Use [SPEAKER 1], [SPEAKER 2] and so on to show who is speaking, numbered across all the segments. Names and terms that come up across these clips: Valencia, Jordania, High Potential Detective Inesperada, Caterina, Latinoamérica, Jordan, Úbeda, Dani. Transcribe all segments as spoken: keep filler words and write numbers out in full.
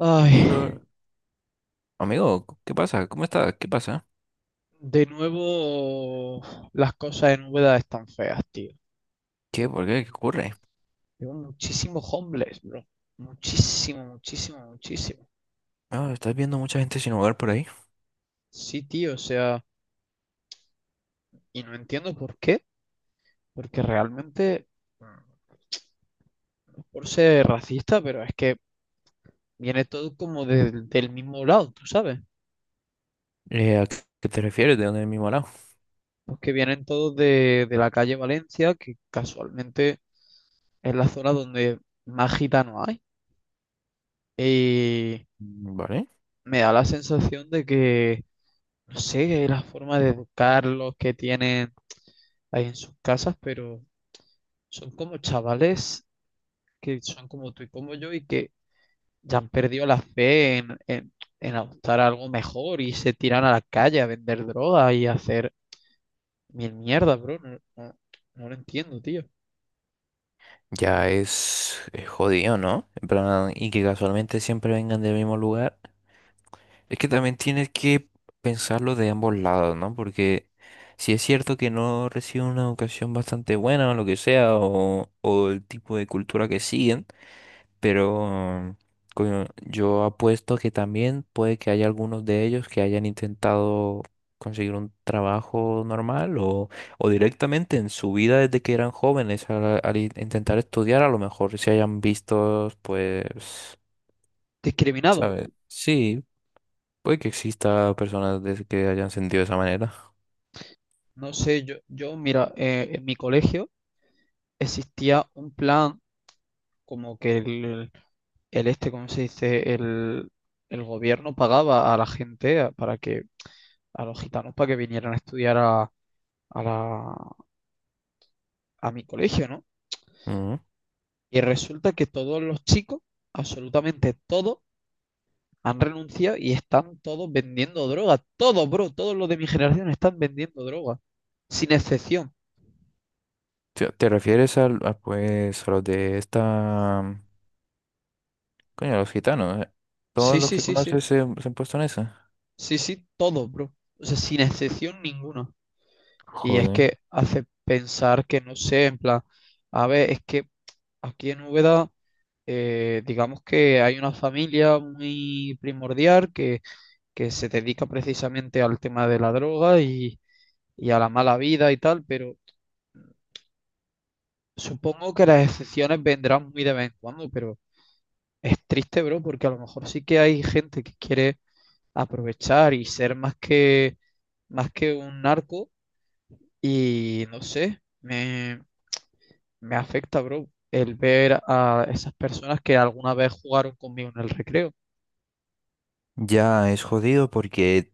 [SPEAKER 1] Ay,
[SPEAKER 2] Hombre, amigo, ¿qué pasa? ¿Cómo estás? ¿Qué pasa?
[SPEAKER 1] de nuevo las cosas en Úbeda están feas, tío.
[SPEAKER 2] ¿Qué? ¿Por qué? ¿Qué ocurre?
[SPEAKER 1] Tengo muchísimos homeless, bro. Muchísimo, muchísimo, muchísimo.
[SPEAKER 2] Ah, ¿estás viendo mucha gente sin hogar por ahí?
[SPEAKER 1] Sí, tío, o sea, y no entiendo por qué, porque realmente, mm, no es por ser racista, pero es que viene todo como del del mismo lado, tú sabes.
[SPEAKER 2] Eh, ¿a qué te refieres? ¿De dónde es mi morado?
[SPEAKER 1] Porque vienen todos de, de la calle Valencia, que casualmente es la zona donde más gitanos hay. Y
[SPEAKER 2] Mm, vale.
[SPEAKER 1] me da la sensación de que no sé, la forma de educarlos que tienen ahí en sus casas, pero son como chavales que son como tú y como yo y que ya han perdido la fe en, en, en adoptar algo mejor y se tiran a la calle a vender droga y a hacer mil mierda, bro. No, no- no lo entiendo, tío.
[SPEAKER 2] Ya es, es jodido, ¿no? En plan, y que casualmente siempre vengan del mismo lugar. Es que también tienes que pensarlo de ambos lados, ¿no? Porque si es cierto que no reciben una educación bastante buena o lo que sea, o, o el tipo de cultura que siguen. Pero coño, yo apuesto que también puede que haya algunos de ellos que hayan intentado conseguir un trabajo normal o, o directamente en su vida desde que eran jóvenes al, al in- intentar estudiar, a lo mejor se hayan visto, pues,
[SPEAKER 1] Discriminado.
[SPEAKER 2] ¿sabes? Sí, puede que exista personas de- que hayan sentido de esa manera.
[SPEAKER 1] No sé, yo, yo mira, eh, en mi colegio existía un plan como que el, el este, ¿cómo se dice? El, el gobierno pagaba a la gente a- para que a los gitanos para que vinieran a estudiar a, a la- a mi colegio, ¿no?
[SPEAKER 2] Ujú.
[SPEAKER 1] Y resulta que todos los chicos, absolutamente todos, han renunciado y están todos vendiendo droga. Todos, bro, todos los de mi generación están vendiendo droga. Sin excepción.
[SPEAKER 2] ¿Te, te refieres al- a, pues, a los de esta... Coño, los gitanos, ¿eh?
[SPEAKER 1] Sí,
[SPEAKER 2] ¿Todos los
[SPEAKER 1] sí,
[SPEAKER 2] que
[SPEAKER 1] sí, sí.
[SPEAKER 2] conoces se, se han puesto en esa?
[SPEAKER 1] Sí, sí, todos, bro. O sea, sin excepción ninguna. Y es
[SPEAKER 2] Joder.
[SPEAKER 1] que hace pensar que, no sé, en plan, a ver, es que aquí en Úbeda eh, digamos que hay una familia muy primordial que que se dedica precisamente al tema de la droga y, y a la mala vida y tal, pero supongo que las excepciones vendrán muy de vez en cuando, pero es triste, bro, porque a lo mejor sí que hay gente que quiere aprovechar y ser más que, más que un narco y no sé, me, me afecta, bro, el ver a esas personas que alguna vez jugaron conmigo en el recreo.
[SPEAKER 2] Ya es jodido porque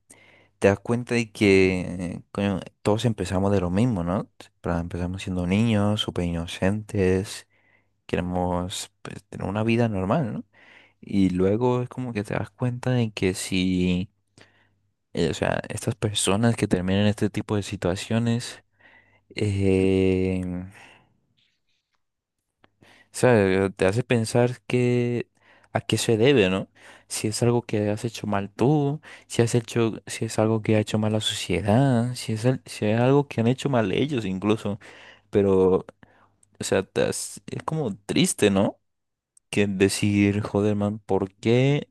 [SPEAKER 2] te das cuenta de que coño, todos empezamos de lo mismo, ¿no? Pra- Empezamos siendo niños, súper inocentes, queremos, pues, tener una vida normal, ¿no? Y luego es como que te das cuenta de que si, eh, o sea, estas personas que terminan en este tipo de situaciones, eh, sea, eh, te hace pensar que a qué se debe, ¿no? Si es algo que has hecho mal tú, si has hecho, si es algo que ha hecho mal la sociedad, si es, al- si es algo que han hecho mal ellos incluso. Pero, o sea, te has- es como triste, ¿no? Que decir, joder, man, ¿por qué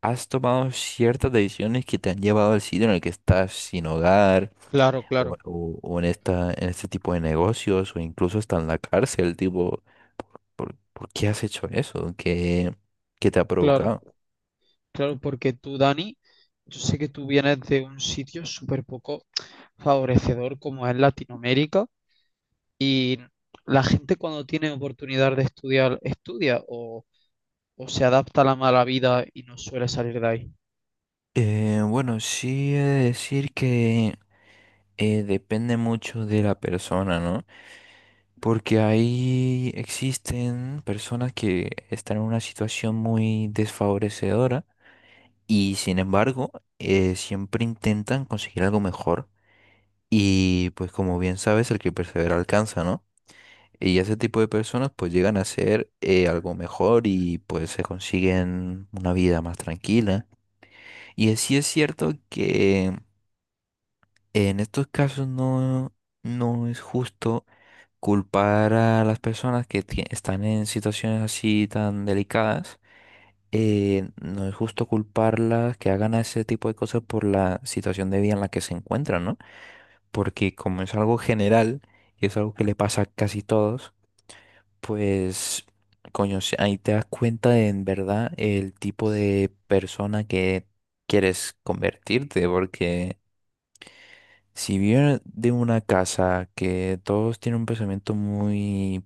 [SPEAKER 2] has tomado ciertas decisiones que te han llevado al sitio en el que estás sin hogar?
[SPEAKER 1] Claro, claro,
[SPEAKER 2] o, o- o en esta, en este tipo de negocios, o incluso hasta en la cárcel, tipo, ¿por, por- por qué has hecho eso? ¿Qué, qué te ha
[SPEAKER 1] claro.
[SPEAKER 2] provocado?
[SPEAKER 1] Claro, porque tú, Dani, yo sé que tú vienes de un sitio súper poco favorecedor como es Latinoamérica. La gente cuando tiene oportunidad de estudiar, estudia o, o se adapta a la mala vida y no suele salir de ahí.
[SPEAKER 2] Eh, bueno, sí he de decir que eh, depende mucho de la persona, ¿no? Porque ahí existen personas que están en una situación muy desfavorecedora y sin embargo eh, siempre intentan conseguir algo mejor y pues como bien sabes, el que persevera alcanza, ¿no? Y ese tipo de personas pues llegan a ser eh, algo mejor y pues se consiguen una vida más tranquila. Y sí es cierto que en estos casos no, no es justo culpar a las personas que tie- están en situaciones así tan delicadas. Eh, no es justo culparlas que hagan ese tipo de cosas por la situación de vida en la que se encuentran, ¿no? Porque como es algo general y es algo que le pasa a casi todos. Pues, coño, si ahí te das cuenta de, en verdad el tipo de persona que quieres convertirte, porque si vienes de una casa que todos tienen un pensamiento muy,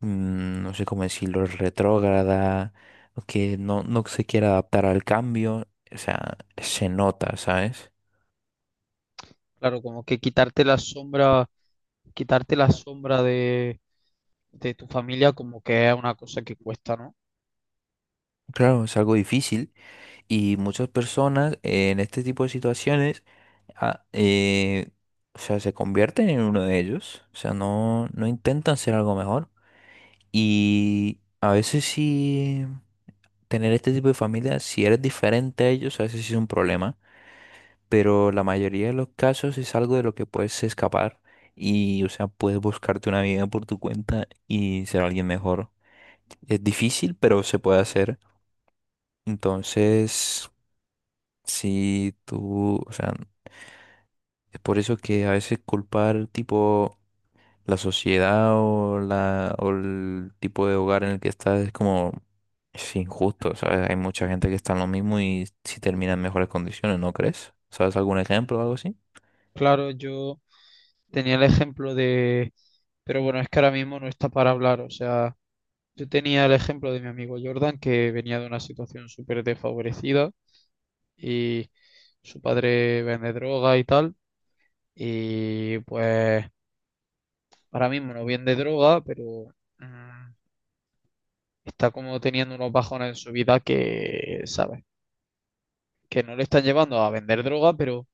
[SPEAKER 2] mm, no sé cómo decirlo, retrógrada, o que no, no se quiere adaptar al cambio, o sea, se nota, ¿sabes?
[SPEAKER 1] Claro, como que quitarte la sombra, quitarte la sombra de, de tu familia como que es una cosa que cuesta, ¿no?
[SPEAKER 2] Claro, es algo difícil. Y muchas personas eh, en este tipo de situaciones, ah, eh, o sea, se convierten en uno de ellos, o sea, no, no intentan ser algo mejor. Y a veces sí, tener este tipo de familia, si eres diferente a ellos, a veces sí es un problema, pero la mayoría de los casos es algo de lo que puedes escapar y, o sea, puedes buscarte una vida por tu cuenta y ser alguien mejor. Es difícil, pero se puede hacer. Entonces, si tú, o sea, es por eso que a veces culpar tipo la sociedad o, la, o el tipo de hogar en el que estás es como es injusto, ¿sabes? Hay mucha gente que está en lo mismo y si termina en mejores condiciones, ¿no crees? ¿Sabes algún ejemplo o algo así?
[SPEAKER 1] Claro, yo tenía el ejemplo de, pero bueno, es que ahora mismo no está para hablar, o sea... Yo tenía el ejemplo de mi amigo Jordan, que venía de una situación súper desfavorecida y su padre vende droga y tal. Y pues ahora mismo no vende droga, pero mm, está como teniendo unos bajones en su vida que, ¿sabes? Que no le están llevando a vender droga, pero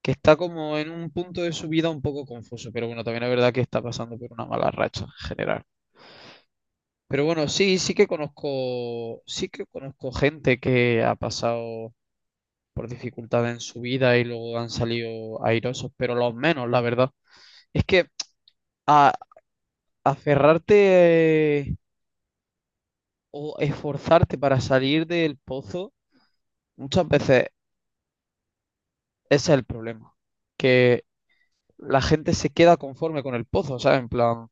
[SPEAKER 1] que está como en un punto de su vida un poco confuso. Pero bueno, también es verdad que está pasando por una mala racha en general. Pero bueno, sí, sí que conozco, sí que conozco gente que ha pasado por dificultades en su vida y luego han salido airosos, pero los menos, la verdad. Es que a, aferrarte eh, o esforzarte para salir del pozo, muchas veces ese es el problema, que la gente se queda conforme con el pozo, ¿sabes? En plan,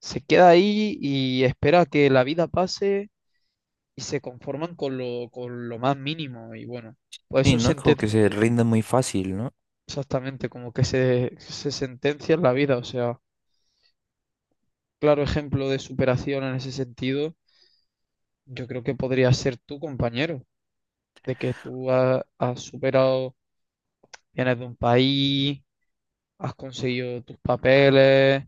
[SPEAKER 1] se queda ahí y espera que la vida pase y se conforman con lo, con lo más mínimo y bueno, pues
[SPEAKER 2] Sí,
[SPEAKER 1] eso
[SPEAKER 2] no es
[SPEAKER 1] se
[SPEAKER 2] como que
[SPEAKER 1] enten-
[SPEAKER 2] se rinde muy fácil, ¿no?
[SPEAKER 1] exactamente, como que se, se sentencia en la vida, o sea, claro ejemplo de superación en ese sentido, yo creo que podría ser tu compañero, de que tú ha- has, superado, vienes de un país, has conseguido tus papeles,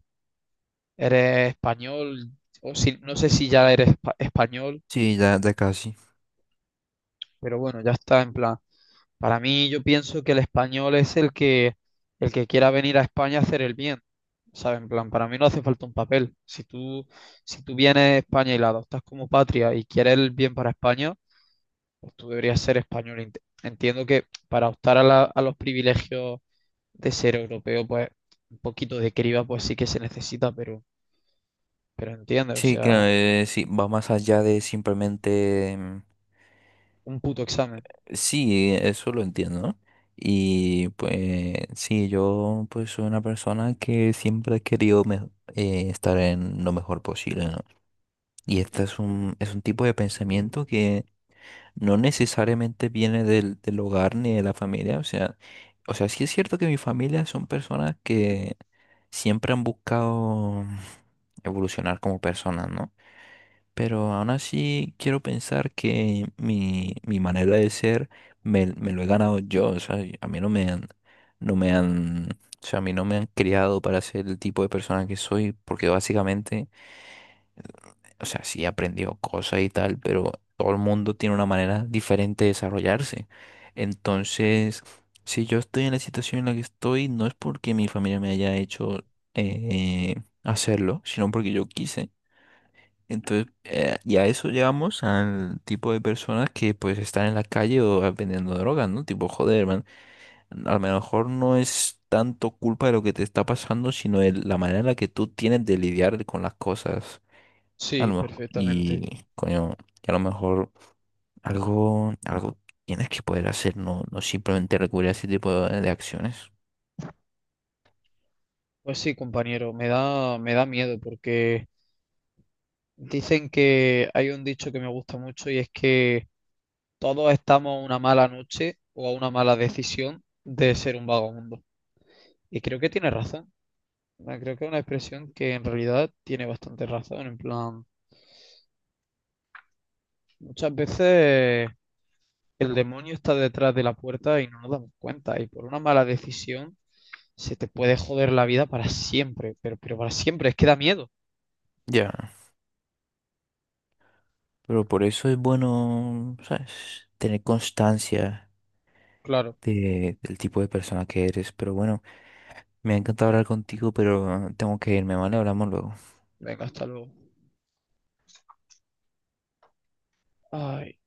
[SPEAKER 1] eres español, o si, no sé si ya eres espa- español,
[SPEAKER 2] Sí, ya, ya casi.
[SPEAKER 1] pero bueno, ya está en plan. Para mí yo pienso que el español es el que, el que quiera venir a España a hacer el bien. ¿Sabes? En plan, para mí no hace falta un papel. Si tú, si tú vienes a España y la adoptas como patria y quieres el bien para España, pues tú deberías ser español. Ent- Entiendo que para optar a, la- a los privilegios de ser europeo, pues un poquito de criba, pues sí que se necesita, pero, pero entiende, o
[SPEAKER 2] Sí, claro,
[SPEAKER 1] sea,
[SPEAKER 2] eh, sí, va más allá de simplemente mm,
[SPEAKER 1] un puto examen.
[SPEAKER 2] sí, eso lo entiendo. Y pues sí, yo pues soy una persona que siempre he querido me- eh, estar en lo mejor posible, ¿no? Y este es un, es un tipo de pensamiento que no necesariamente viene del, del hogar ni de la familia. O sea, o sea, sí es cierto que mi familia son personas que siempre han buscado evolucionar como personas, ¿no? Pero aún así quiero pensar que mi, mi manera de ser me, me lo he ganado yo. O sea, a mí no me han, no me han, o sea, a mí no me han criado para ser el tipo de persona que soy, porque básicamente, o sea, sí he aprendido cosas y tal, pero todo el mundo tiene una manera diferente de desarrollarse. Entonces, si yo estoy en la situación en la que estoy, no es porque mi familia me haya hecho eh, hacerlo, sino porque yo quise. Entonces, eh, y a eso llegamos al tipo de personas que pues están en la calle o eh, vendiendo drogas, ¿no? Tipo, joder, man, a lo mejor no es tanto culpa de lo que te está pasando, sino de la manera en la que tú tienes de lidiar con las cosas. A
[SPEAKER 1] Sí,
[SPEAKER 2] lo mejor-
[SPEAKER 1] perfectamente.
[SPEAKER 2] y, coño, y a lo mejor algo, algo tienes que poder hacer, no, no simplemente recurrir a ese tipo de, de acciones.
[SPEAKER 1] Pues sí, compañero, me da, me da miedo porque dicen que hay un dicho que me gusta mucho y es que todos estamos a una mala noche o a una mala decisión de ser un vagabundo. Y creo que tiene razón. Ah, creo que es una expresión que en realidad tiene bastante razón, en plan. Muchas veces el demonio está detrás de la puerta y no nos damos cuenta. Y por una mala decisión se te puede joder la vida para siempre, pero, pero para siempre, es que da miedo.
[SPEAKER 2] Ya. Pero por eso es bueno, ¿sabes? Tener constancia
[SPEAKER 1] Claro,
[SPEAKER 2] de- del tipo de persona que eres. Pero bueno. Me ha encantado hablar contigo, pero ah, tengo que irme, ¿vale? Hablamos luego.
[SPEAKER 1] venga, hasta luego. Ay.